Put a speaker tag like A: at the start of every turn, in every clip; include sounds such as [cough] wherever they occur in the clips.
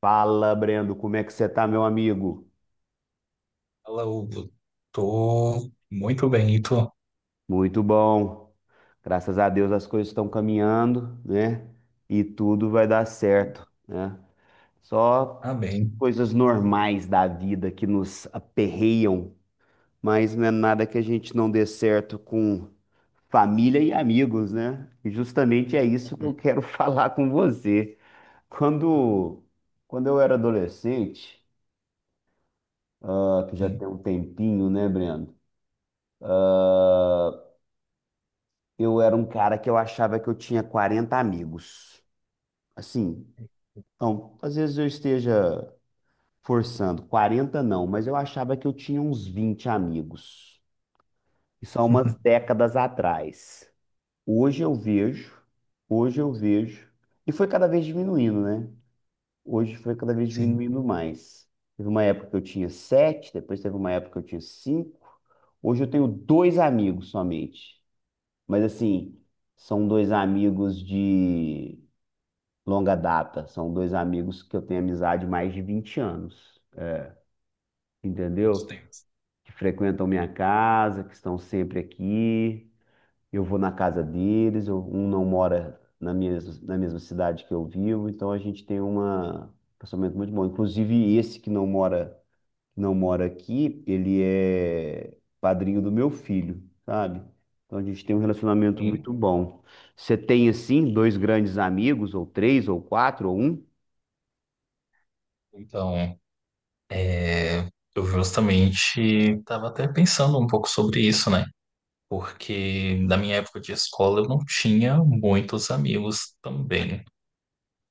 A: Fala, Brendo, como é que você tá, meu amigo?
B: Fala, Hugo. Tô muito bem, e tu?
A: Muito bom. Graças a Deus as coisas estão caminhando, né? E tudo vai dar certo, né? Só
B: Ah, bem.
A: coisas normais da vida que nos aperreiam, mas não é nada que a gente não dê certo com família e amigos, né? E justamente é isso que eu quero [laughs] falar com você. Quando, quando eu era adolescente, ah, que já tem
B: Sim,
A: um tempinho, né, Brendo? Eu era um cara que eu achava que eu tinha 40 amigos. Assim, então, às vezes eu esteja forçando, 40 não, mas eu achava que eu tinha uns 20 amigos. Isso há umas
B: [laughs]
A: décadas atrás. Hoje eu vejo, hoje eu vejo, e foi cada vez diminuindo, né? Hoje foi cada vez
B: sim.
A: diminuindo mais. Teve uma época que eu tinha sete, depois teve uma época que eu tinha cinco. Hoje eu tenho dois amigos somente. Mas assim, são dois amigos de longa data. São dois amigos que eu tenho amizade há mais de 20 anos,
B: Muitos
A: entendeu?
B: tempos.
A: Que frequentam minha casa, que estão sempre aqui. Eu vou na casa deles, um não mora na mesma cidade que eu vivo, então a gente tem um relacionamento muito bom. Inclusive, esse que não mora aqui, ele é padrinho do meu filho, sabe? Então a gente tem um relacionamento
B: Sim.
A: muito bom. Você tem, assim, dois grandes amigos, ou três, ou quatro, ou um?
B: Então, é, eu justamente estava até pensando um pouco sobre isso, né? Porque na minha época de escola eu não tinha muitos amigos também.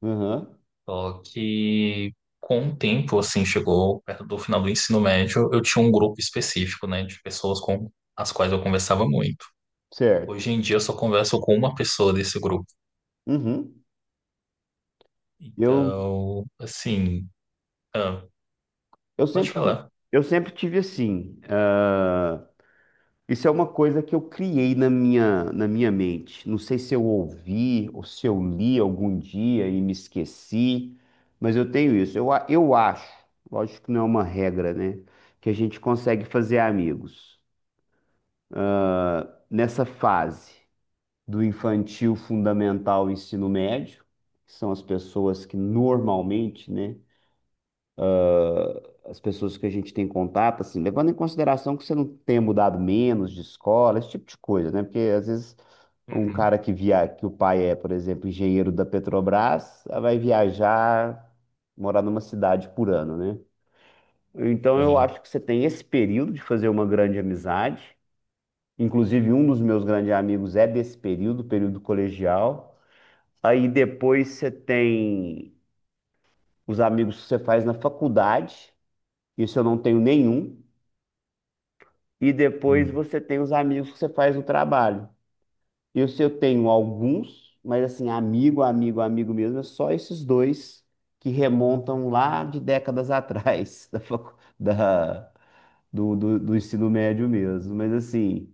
A: Aham.
B: Só que com o tempo, assim, chegou perto do final do ensino médio, eu tinha um grupo específico, né, de pessoas com as quais eu conversava muito.
A: Certo.
B: Hoje em dia eu só converso com uma pessoa desse grupo.
A: Uhum. Eu,
B: Então, assim, ah,
A: eu
B: pode
A: sempre,
B: falar.
A: eu sempre tive assim. Ah, isso é uma coisa que eu criei na minha mente. Não sei se eu ouvi ou se eu li algum dia e me esqueci, mas eu tenho isso. Eu acho, lógico que não é uma regra, né? Que a gente consegue fazer amigos. Ah, nessa fase do infantil, fundamental, ensino médio, que são as pessoas que normalmente, né, as pessoas que a gente tem contato, assim, levando em consideração que você não tenha mudado menos de escola, esse tipo de coisa, né? Porque às vezes um
B: Uhum,
A: cara que via, que o pai é, por exemplo, engenheiro da Petrobras, ah, vai viajar, morar numa cidade por ano, né? Então eu
B: tem,
A: acho que você tem esse período de fazer uma grande amizade. Inclusive, um dos meus grandes amigos é desse período, período colegial. Aí depois você tem os amigos que você faz na faculdade. Isso eu não tenho nenhum. E depois
B: hum,
A: você tem os amigos que você faz o trabalho. Eu, se eu tenho alguns, mas assim, amigo, amigo, amigo mesmo, é só esses dois que remontam lá de décadas atrás [laughs] da, facu- da- do, do, do ensino médio mesmo. Mas assim,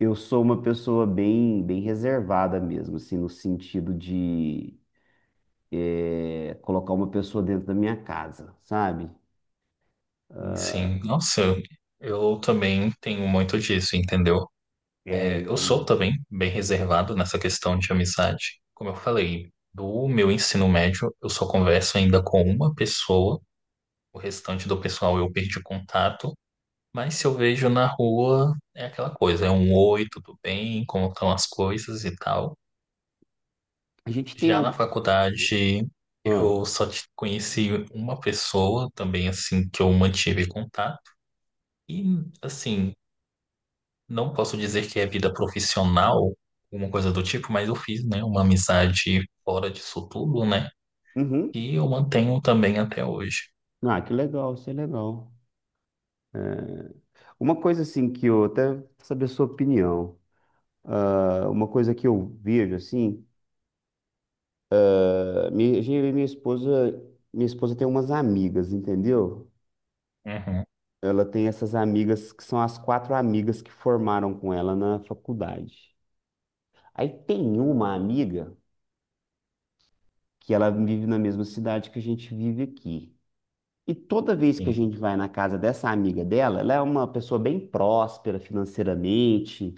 A: eu sou uma pessoa bem, bem reservada mesmo, assim, no sentido de colocar uma pessoa dentro da minha casa, sabe?
B: tem sim. Nossa, eu também tenho muito disso, entendeu?
A: É,
B: É, eu sou
A: eu...
B: também bem reservado nessa questão de amizade. Como eu falei, do meu ensino médio, eu só converso ainda com uma pessoa. O restante do pessoal eu perdi contato. Mas se eu vejo na rua, é aquela coisa, é um oi, tudo bem, como estão as coisas e tal.
A: A gente tem
B: Já
A: algum...
B: na faculdade,
A: Ah,
B: conheci uma pessoa também, assim, que eu mantive contato. E, assim, não posso dizer que é vida profissional, alguma coisa do tipo, mas eu fiz, né, uma amizade fora disso tudo, né?
A: uhum.
B: E eu mantenho também até hoje.
A: Ah, que legal, isso é legal. Uma coisa assim que eu até saber a sua opinião. Ah, uma coisa que eu vejo assim, eu e minha esposa tem umas amigas, entendeu?
B: Uhum,
A: Ela tem essas amigas que são as quatro amigas que formaram com ela na faculdade. Aí tem uma amiga que ela vive na mesma cidade que a gente vive aqui. E toda vez que a
B: sim.
A: gente vai na casa dessa amiga dela, ela é uma pessoa bem próspera financeiramente.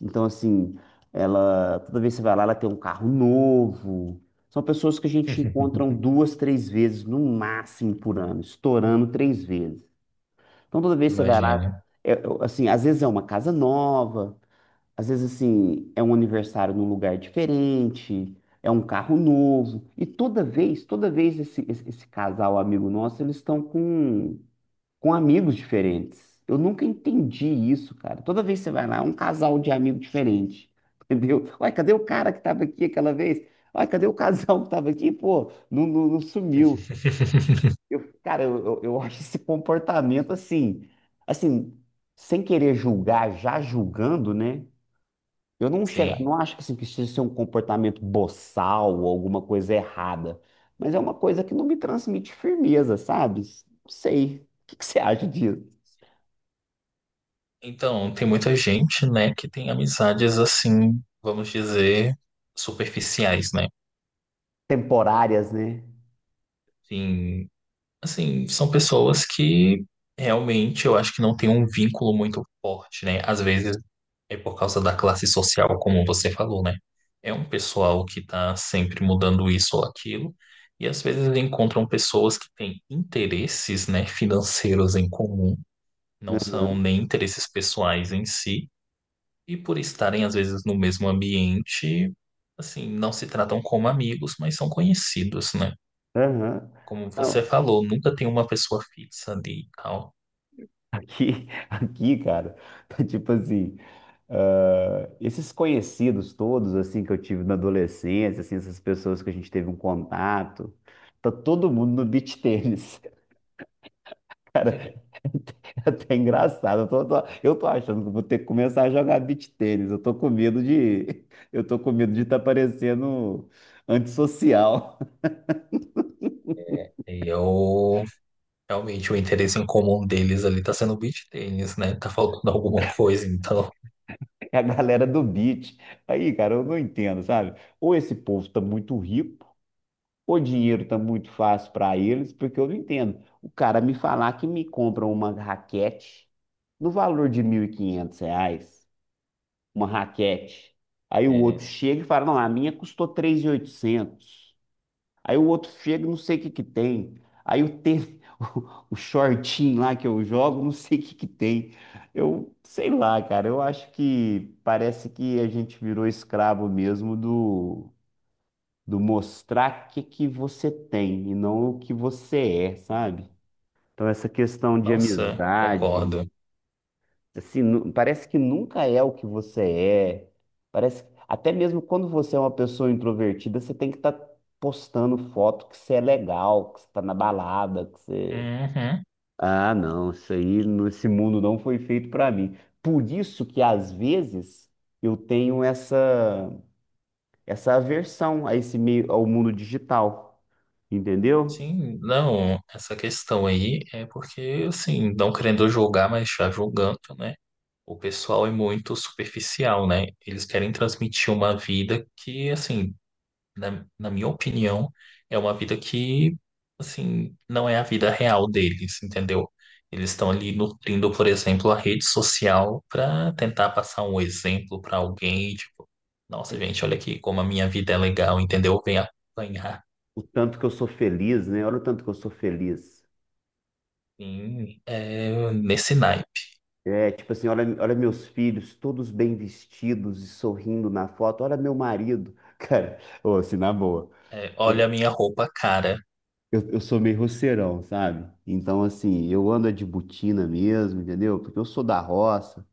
A: Então, assim, ela, toda vez que você vai lá, ela tem um carro novo. São pessoas que a gente encontra
B: [laughs]
A: duas, três vezes no máximo por ano, estourando três vezes. Então, toda vez que você vai
B: Imagina.
A: lá, assim, às vezes é uma casa nova, às vezes, assim, é um aniversário num lugar diferente, é um carro novo. E toda vez esse casal amigo nosso, eles estão com amigos diferentes. Eu nunca entendi isso, cara. Toda vez que você vai lá, é um casal de amigo diferente. [laughs] Entendeu? Ué, cadê o cara que estava aqui aquela vez? Ué, cadê o casal que estava aqui? Pô, não, não, não sumiu.
B: [laughs]
A: Eu, cara, eu acho esse comportamento assim, assim, sem querer julgar, já julgando, né? Eu não chego,
B: Sim.
A: não acho que assim, precisa ser um comportamento boçal ou alguma coisa errada, mas é uma coisa que não me transmite firmeza, sabe? Não sei. O que que você acha disso?
B: Então, tem muita gente, né, que tem amizades assim, vamos dizer, superficiais, né?
A: Temporárias, né?
B: Sim. Assim, são pessoas que realmente eu acho que não tem um vínculo muito forte, né? Às vezes é por causa da classe social, como você falou, né? É um pessoal que tá sempre mudando isso ou aquilo, e às vezes encontram pessoas que têm interesses, né, financeiros em comum, não são
A: Aham,
B: nem interesses pessoais em si, e por estarem às vezes no mesmo ambiente, assim, não se tratam como amigos, mas são conhecidos, né?
A: aham.
B: Como você
A: Não,
B: falou, nunca tem uma pessoa fixa ali e tal.
A: [laughs] aqui, cara, tá tipo assim, esses conhecidos todos, assim, que eu tive na adolescência, assim, essas pessoas que a gente teve um contato, tá todo mundo no beach tênis. [laughs] Cara,
B: [laughs]
A: [laughs] é até engraçado. Eu tô achando que eu vou ter que começar a jogar beach tênis. Eu tô com medo de, [laughs] eu tô com medo de estar parecendo antissocial. [laughs]
B: E eu, realmente, o interesse em comum deles ali tá sendo o beach tênis, né? Tá faltando alguma coisa, então.
A: É a galera do beach. Aí, cara, eu não entendo, sabe? Ou esse povo tá muito rico, ou o dinheiro tá muito fácil para eles, porque eu não entendo. O cara me falar que me compra uma raquete no valor de R$ 1.500, uma raquete. Aí o outro
B: É,
A: chega e fala, não, a minha custou 3.800. Aí o outro chega, não sei o que que tem. Aí o tênis, [laughs] o shortinho lá que eu jogo, não sei o que que tem. Eu sei lá, cara, eu acho que parece que a gente virou escravo mesmo do mostrar o que que você tem e não o que você é, sabe?
B: e-
A: Então essa questão de
B: nossa,
A: amizade,
B: concordo.
A: assim, nu- parece que nunca é o que você é. Parece, até mesmo quando você é uma pessoa introvertida, você tem que estar postando foto que você é legal, que você tá na balada, que você...
B: Uhum.
A: Ah, não, isso aí, no- esse mundo não foi feito para mim. Por isso que às vezes eu tenho essa aversão a esse meio ao mundo digital, entendeu?
B: Sim, não, essa questão aí é porque, assim, não querendo julgar, mas já julgando, né? O pessoal é muito superficial, né? Eles querem transmitir uma vida que, assim, na minha opinião, é uma vida que, assim, não é a vida real deles, entendeu? Eles estão ali nutrindo, por exemplo, a rede social para tentar passar um exemplo para alguém, tipo, nossa,
A: É.
B: gente, olha aqui como a minha vida é legal, entendeu? Vem apanhar
A: O tanto que eu sou feliz, né? Olha o tanto que eu sou feliz.
B: sim, é, nesse naipe.
A: É, tipo assim, olha, olha meus filhos, todos bem vestidos e sorrindo na foto. Olha meu marido. [laughs] Cara, ô, assim, na boa.
B: É, olha a minha roupa cara.
A: Eu sou meio roceirão, sabe? Então, assim, eu ando é de botina mesmo, entendeu? Porque eu sou da roça,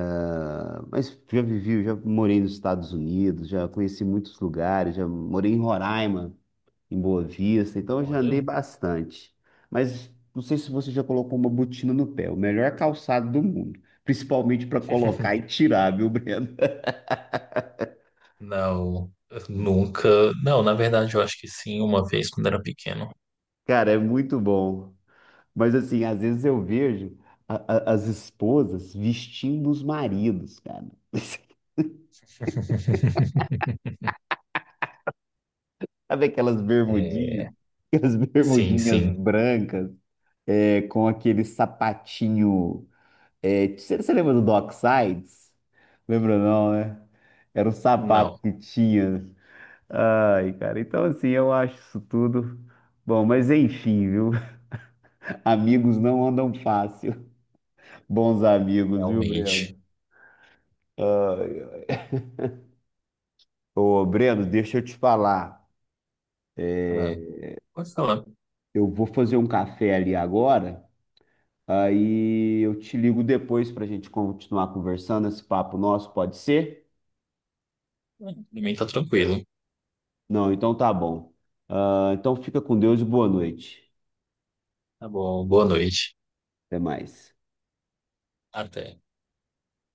A: ah, mas já vivi, já morei nos Estados Unidos, já conheci muitos lugares, já morei em Roraima, em Boa Vista, então eu já andei
B: Olha.
A: bastante. Mas não sei se você já colocou uma botina no pé, o melhor calçado do mundo, principalmente para colocar
B: [laughs]
A: e tirar, viu, Breno? [laughs]
B: Não, nunca. Não, na verdade, eu acho que sim, uma vez quando era pequeno.
A: Cara, é muito bom. Mas assim, às vezes eu vejo a- as esposas vestindo os maridos, cara. [laughs]
B: [laughs]
A: Sabe aquelas bermudinhas?
B: É,
A: Aquelas
B: sim,
A: bermudinhas
B: sim.
A: brancas, é, com aquele sapatinho. É, você lembra do Docksides? Lembra não, né? Era um sapato
B: Não,
A: que tinha. Ai, cara, então assim, eu acho isso tudo. Bom, mas enfim, viu? [laughs] Amigos não andam fácil. Bons amigos, viu,
B: realmente.
A: Breno? Ô, Breno, deixa eu te falar.
B: Ah, pode falar. Ah,
A: Eu vou fazer um café ali agora, aí eu te ligo depois pra gente continuar conversando esse papo nosso, pode ser?
B: pra mim tá tranquilo.
A: Não, então tá bom. Ah, então fica com Deus e boa noite.
B: Tá bom, boa noite.
A: Até mais.
B: Até.